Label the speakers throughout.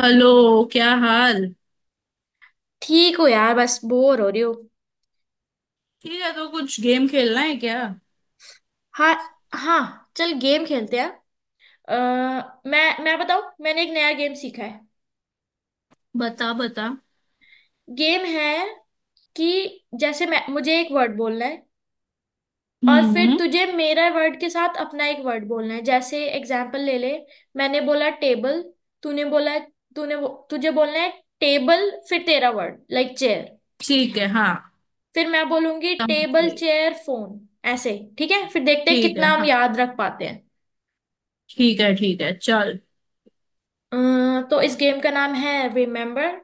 Speaker 1: Hello. क्या हाल।
Speaker 2: ठीक हो यार। बस बोर हो रही हो।
Speaker 1: ठीक है, तो कुछ गेम खेलना है क्या।
Speaker 2: हाँ। हाँ चल गेम खेलते हैं। मैं बताऊँ, मैंने एक नया गेम सीखा है।
Speaker 1: बता बता।
Speaker 2: गेम है कि जैसे मैं मुझे एक वर्ड बोलना है और फिर
Speaker 1: हम्म।
Speaker 2: तुझे मेरा वर्ड के साथ अपना एक वर्ड बोलना है। जैसे एग्जाम्पल ले ले, मैंने बोला टेबल, तूने बोला, तुझे बोलना है टेबल, फिर तेरा वर्ड लाइक चेयर।
Speaker 1: ठीक है, हाँ।
Speaker 2: फिर मैं बोलूंगी
Speaker 1: समझ
Speaker 2: टेबल
Speaker 1: गई।
Speaker 2: Chair phone. ऐसे। ठीक है, फिर देखते हैं
Speaker 1: ठीक है,
Speaker 2: कितना हम
Speaker 1: हाँ।
Speaker 2: याद रख पाते हैं।
Speaker 1: ठीक है, ठीक है, चल।
Speaker 2: अ, तो इस गेम का नाम है रिमेम्बर।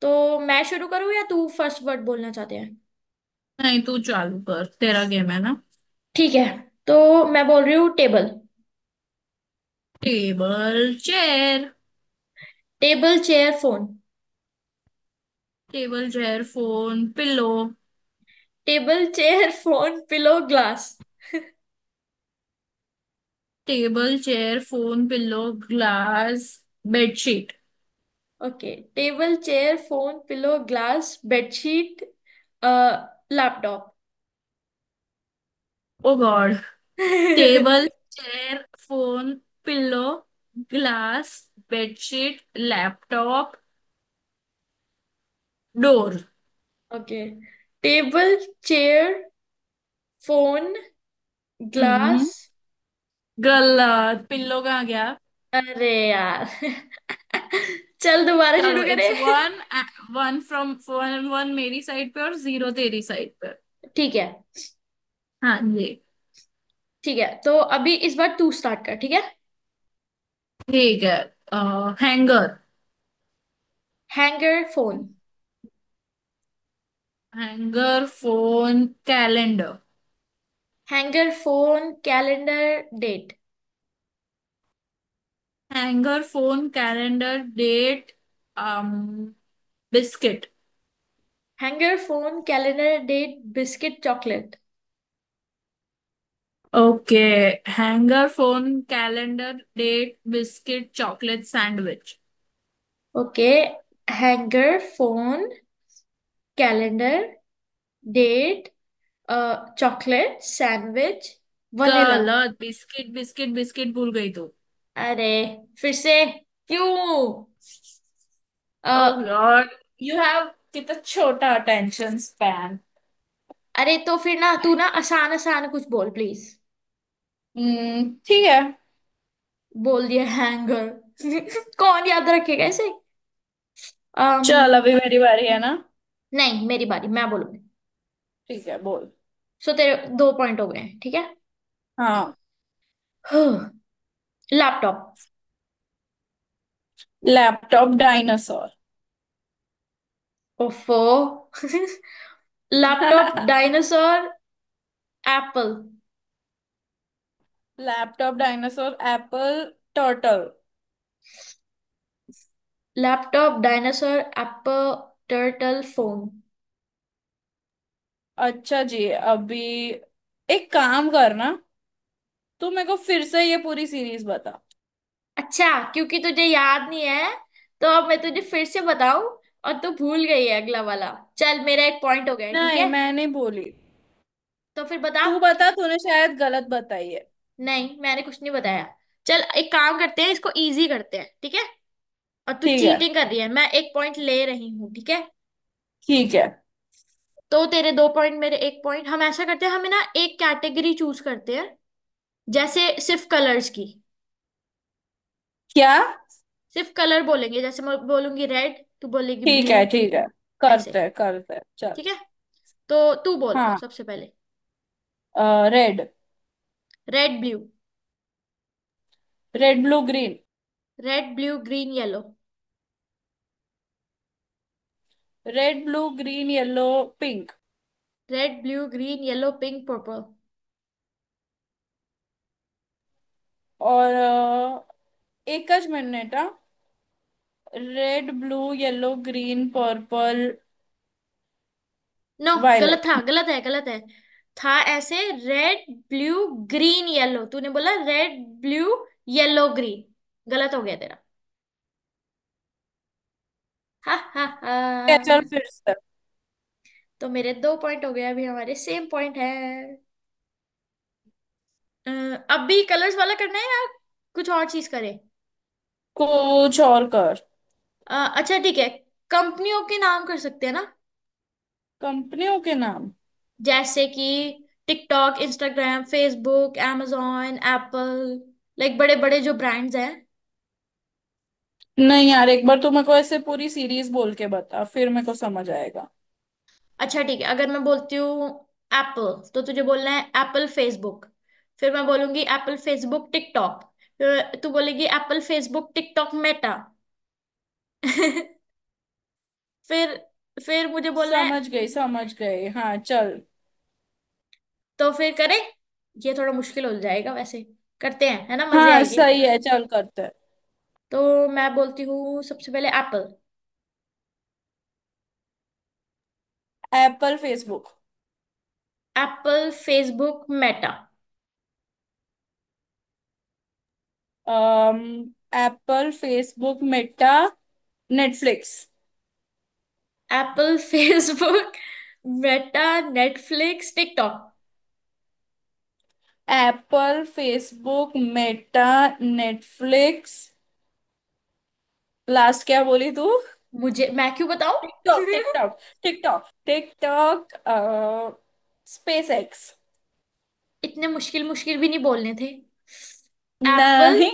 Speaker 2: तो मैं शुरू करूँ या तू फर्स्ट वर्ड बोलना चाहते हैं।
Speaker 1: नहीं, तू चालू कर, तेरा गेम है ना।
Speaker 2: ठीक है, तो मैं बोल रही हूँ table.
Speaker 1: Table chair.
Speaker 2: Table chair phone.
Speaker 1: Table chair phone pillow.
Speaker 2: Table chair phone pillow glass.
Speaker 1: Table chair phone pillow glass bedsheet.
Speaker 2: Okay table chair phone pillow glass bedsheet laptop.
Speaker 1: Oh God. Table chair phone pillow glass bedsheet laptop door.
Speaker 2: Okay table chair phone
Speaker 1: hmm.
Speaker 2: Glass.
Speaker 1: Girl, pillow कहाँ गया।
Speaker 2: अरे यार। चल दोबारा
Speaker 1: चलो,
Speaker 2: शुरू
Speaker 1: it's
Speaker 2: करें।
Speaker 1: One. One from one, one मेरी साइड पे और जीरो तेरी साइड पे।
Speaker 2: ठीक है।
Speaker 1: हाँ जी।
Speaker 2: ठीक है तो अभी इस बार तू स्टार्ट कर, ठीक है।
Speaker 1: ठीक है। Hanger.
Speaker 2: Hanger phone.
Speaker 1: Hanger phone calendar.
Speaker 2: Hanger phone calendar date.
Speaker 1: Hanger phone calendar date biscuit.
Speaker 2: Hanger phone calendar date biscuit chocolate.
Speaker 1: Okay. Hanger phone calendar date biscuit chocolate sandwich.
Speaker 2: Okay hanger phone calendar date chocolate sandwich vanilla.
Speaker 1: गलत, biscuit biscuit biscuit भूल गई तू।
Speaker 2: अरे फिर से क्यों।
Speaker 1: Oh
Speaker 2: uh,
Speaker 1: God, you have कितना छोटा अटेंशन स्पैन।
Speaker 2: अरे तो फिर ना तू ना आसान आसान कुछ बोल प्लीज।
Speaker 1: हम्म, ठीक है।
Speaker 2: बोल दिया हैंगर। कौन याद रखेगा ऐसे।
Speaker 1: चल,
Speaker 2: um,
Speaker 1: अभी मेरी बारी है ना।
Speaker 2: नहीं मेरी बारी, मैं बोलूंगी।
Speaker 1: ठीक है, बोल।
Speaker 2: सो तेरे दो पॉइंट हो गए हैं, ठीक है।
Speaker 1: हाँ।
Speaker 2: लैपटॉप।
Speaker 1: Laptop dinosaur.
Speaker 2: ओफो। Laptop dinosaur apple.
Speaker 1: Laptop dinosaur apple turtle.
Speaker 2: Laptop dinosaur apple turtle phone.
Speaker 1: अच्छा जी, अभी एक काम करना। तू मेरे को फिर से ये पूरी सीरीज बता।
Speaker 2: अच्छा, क्योंकि तुझे याद नहीं है तो अब मैं तुझे फिर से बताऊं और तू भूल गई है अगला वाला। चल मेरा एक पॉइंट हो गया है, ठीक
Speaker 1: नहीं,
Speaker 2: है।
Speaker 1: मैं नहीं बोली।
Speaker 2: तो फिर बता।
Speaker 1: तू बता, तूने शायद गलत बताई है।
Speaker 2: नहीं मैंने कुछ नहीं बताया। चल एक काम करते हैं, इसको इजी करते हैं, ठीक है। और तू
Speaker 1: ठीक है,
Speaker 2: चीटिंग कर रही है, मैं एक पॉइंट ले रही हूँ, ठीक है।
Speaker 1: ठीक है।
Speaker 2: तो तेरे दो पॉइंट मेरे एक पॉइंट। हम ऐसा करते हैं, हमें ना एक कैटेगरी चूज करते हैं। जैसे सिर्फ कलर्स की।
Speaker 1: क्या।
Speaker 2: सिर्फ कलर बोलेंगे, जैसे मैं बोलूंगी रेड तू बोलेगी
Speaker 1: ठीक है,
Speaker 2: ब्लू।
Speaker 1: ठीक है,
Speaker 2: ऐसे।
Speaker 1: करते हैं करते हैं, चल।
Speaker 2: ठीक है। तो तू बोल
Speaker 1: हाँ।
Speaker 2: सबसे पहले।
Speaker 1: Red.
Speaker 2: Red blue.
Speaker 1: Red blue green.
Speaker 2: Red blue green yellow.
Speaker 1: Red blue green yellow pink.
Speaker 2: Red blue green yellow pink purple.
Speaker 1: और एकच मिनिट हा। Red blue yellow green purple
Speaker 2: no. गलत
Speaker 1: वायलेट।
Speaker 2: था, गलत है, गलत है। था ऐसे, रेड ब्लू ग्रीन येलो, तूने बोला रेड ब्लू येलो ग्रीन। गलत हो गया तेरा। हा हा हा।
Speaker 1: चल, फिर से।
Speaker 2: तो मेरे दो पॉइंट हो गए, अभी हमारे सेम पॉइंट है। अ, अब भी कलर्स वाला करना है या कुछ और चीज करें।
Speaker 1: कुछ और कर।
Speaker 2: अच्छा ठीक है, कंपनियों के नाम कर सकते हैं ना।
Speaker 1: कंपनियों के नाम।
Speaker 2: जैसे कि TikTok Instagram Facebook amazon Apple. Like बड़े बड़े जो ब्रांड्स हैं।
Speaker 1: नहीं यार, एक बार तू मेरे को ऐसे पूरी सीरीज बोल के बता, फिर मेरे को समझ आएगा।
Speaker 2: अच्छा ठीक है, अगर मैं बोलती हूँ एप्पल तो तुझे बोलना है एप्पल फेसबुक। फिर मैं बोलूंगी एप्पल फेसबुक टिकटॉक। फिर तू बोलेगी एप्पल फेसबुक टिकटॉक मेटा। फिर फिर मुझे बोलना है।
Speaker 1: समझ गई समझ गई, हाँ चल।
Speaker 2: तो फिर करें, ये थोड़ा मुश्किल हो जाएगा वैसे। करते हैं है ना, मजे
Speaker 1: हाँ,
Speaker 2: आएंगे।
Speaker 1: सही है, चल करते
Speaker 2: तो मैं बोलती हूँ सबसे पहले एप्पल।
Speaker 1: हैं। Apple Facebook.
Speaker 2: Apple Facebook Meta.
Speaker 1: Um Apple Facebook Meta Netflix.
Speaker 2: Apple Facebook Meta Netflix TikTok.
Speaker 1: Apple Facebook Meta Netflix, last क्या बोली तू।
Speaker 2: मुझे, मैं क्यों बताऊं।
Speaker 1: TikTok TikTok. TikTok TikTok SpaceX.
Speaker 2: इतने मुश्किल मुश्किल भी नहीं बोलने थे। एप्पल
Speaker 1: नहीं।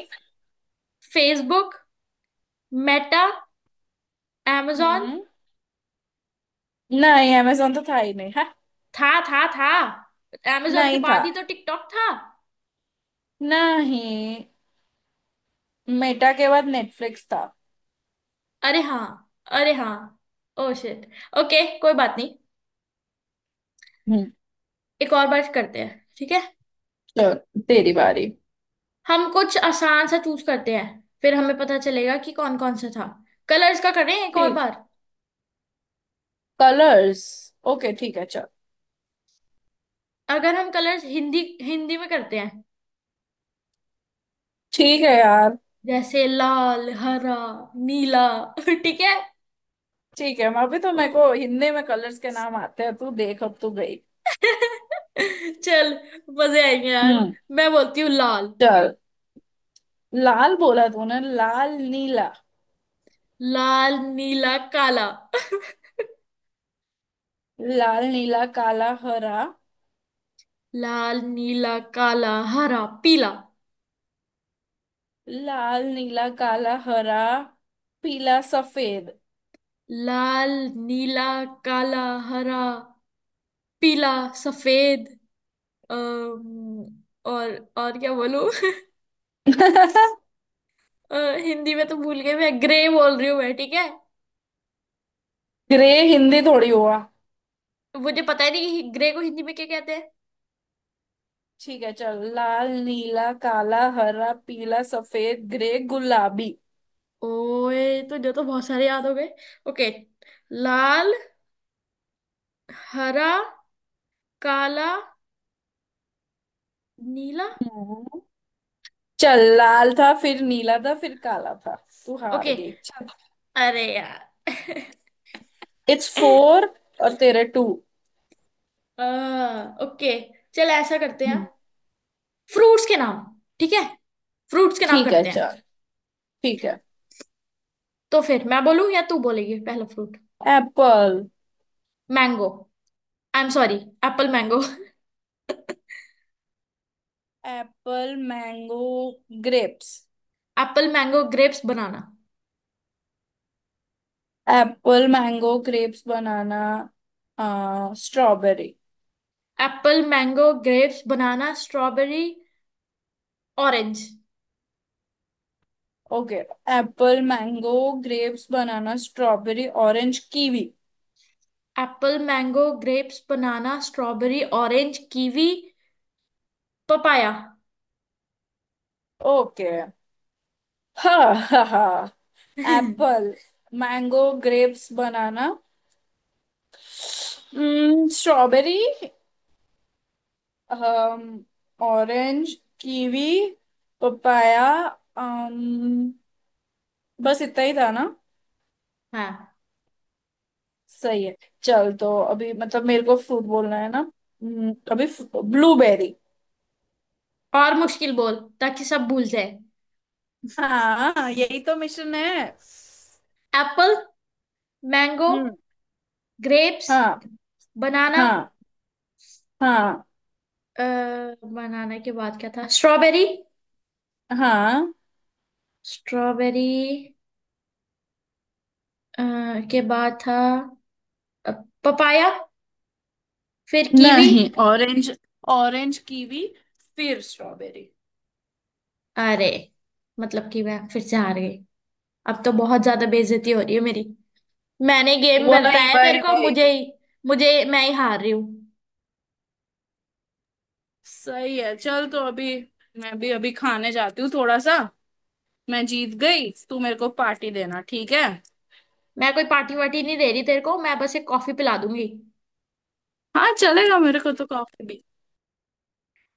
Speaker 2: Facebook Meta amazon।
Speaker 1: हम्म। नहीं, amazon तो था ही नहीं है।
Speaker 2: था था, amazon के
Speaker 1: नहीं था।
Speaker 2: बाद ही तो टिकटॉक था।
Speaker 1: नहीं, मेटा के बाद नेटफ्लिक्स था।
Speaker 2: अरे हाँ। अरे हाँ। Oh shit. ओके कोई बात नहीं।
Speaker 1: हम्म।
Speaker 2: एक और बार करते हैं, ठीक है।
Speaker 1: चल, तेरी बारी।
Speaker 2: हम कुछ आसान सा चूज करते हैं, फिर हमें पता चलेगा कि कौन कौन सा था। कलर्स का करें एक और
Speaker 1: ठीक।
Speaker 2: बार।
Speaker 1: कलर्स। ओके, ठीक है, चल।
Speaker 2: अगर हम कलर्स हिंदी हिंदी में करते हैं,
Speaker 1: ठीक है यार।
Speaker 2: जैसे लाल हरा नीला। ठीक है।
Speaker 1: ठीक है, मैं अभी तो मेरे को हिंदी में कलर्स के नाम आते हैं, तू देख, अब तू गई।
Speaker 2: चल मजे आएंगे यार।
Speaker 1: हम्म।
Speaker 2: मैं बोलती हूँ लाल।
Speaker 1: चल, लाल बोला तूने, लाल नीला।
Speaker 2: लाल नीला काला।
Speaker 1: लाल नीला काला हरा।
Speaker 2: लाल नीला काला हरा पीला।
Speaker 1: लाल नीला काला हरा पीला सफेद।
Speaker 2: लाल नीला काला हरा पीला सफेद। अम्म, और क्या बोलूं। अ, हिंदी में तो भूल गई, मैं ग्रे बोल रही हूँ मैं ठीक है।
Speaker 1: ग्रे हिंदी थोड़ी हुआ।
Speaker 2: मुझे पता ही नहीं कि ग्रे को हिंदी में क्या कहते हैं।
Speaker 1: ठीक है चल, लाल नीला काला हरा पीला सफेद ग्रे गुलाबी।
Speaker 2: ओए तो जो तो बहुत सारे याद हो गए। ओके लाल हरा काला नीला।
Speaker 1: हम्म। चल, लाल था फिर नीला था फिर काला था। तू हार
Speaker 2: ओके
Speaker 1: गई, चल।
Speaker 2: अरे यार।
Speaker 1: इट्स 4 और तेरे 2।
Speaker 2: अ, ओके चल ऐसा करते हैं, फ्रूट्स के नाम, ठीक है। फ्रूट्स के नाम
Speaker 1: ठीक है,
Speaker 2: करते हैं।
Speaker 1: चल। ठीक है।
Speaker 2: तो फिर मैं बोलूं या तू बोलेगी पहला fruit.
Speaker 1: Apple.
Speaker 2: Mango. I am sorry, apple mango.
Speaker 1: Apple mango grapes.
Speaker 2: Apple mango grapes banana.
Speaker 1: Apple mango grapes banana strawberry.
Speaker 2: Apple mango grapes banana strawberry orange.
Speaker 1: Okay. Apple mango grapes banana strawberry orange kiwi.
Speaker 2: Apple mango grapes banana strawberry orange kiwi papaya.
Speaker 1: Okay. हाँ हाँ हाँ।
Speaker 2: हाँ।
Speaker 1: Apple mango grapes banana, strawberry orange kiwi papaya. um, बस इतना ही था ना। सही है। चल, तो अभी मतलब मेरे को फ्रूट बोलना है ना। अभी ब्लूबेरी।
Speaker 2: और मुश्किल बोल ताकि सब भूल जाए।
Speaker 1: हाँ, यही तो मिशन है।
Speaker 2: Apple mango
Speaker 1: hmm.
Speaker 2: ग्रेप्स
Speaker 1: हाँ।
Speaker 2: बनाना।
Speaker 1: हाँ। हाँ।
Speaker 2: बनाना के बाद क्या था, स्ट्रॉबेरी।
Speaker 1: हाँ।
Speaker 2: स्ट्रॉबेरी के बाद था पपाया, फिर कीवी।
Speaker 1: नहीं, ऑरेंज। Orange kiwi. फिर स्ट्रॉबेरी।
Speaker 2: अरे, मतलब कि मैं फिर से हार गई। अब तो बहुत ज्यादा बेइज्जती हो रही है मेरी। मैंने गेम
Speaker 1: वही
Speaker 2: बताया तेरे
Speaker 1: वही
Speaker 2: को,
Speaker 1: वही।
Speaker 2: मुझे ही मुझे मैं ही हार रही हूँ।
Speaker 1: सही है चल, तो अभी मैं भी अभी खाने जाती हूँ थोड़ा सा। मैं जीत गई, तू मेरे को पार्टी देना ठीक है।
Speaker 2: मैं कोई पार्टी वार्टी नहीं दे रही तेरे को, मैं बस एक कॉफी पिला दूंगी।
Speaker 1: हाँ चलेगा, मेरे को तो कॉफी भी।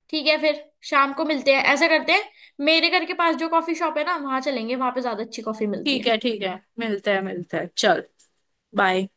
Speaker 2: ठीक है फिर, शाम को मिलते हैं, ऐसा करते हैं। मेरे घर के पास जो कॉफी शॉप है ना, वहां चलेंगे, वहां पे ज्यादा अच्छी कॉफी मिलती
Speaker 1: ठीक
Speaker 2: है।
Speaker 1: है, ठीक है। मिलते हैं मिलते हैं, चल। बाय।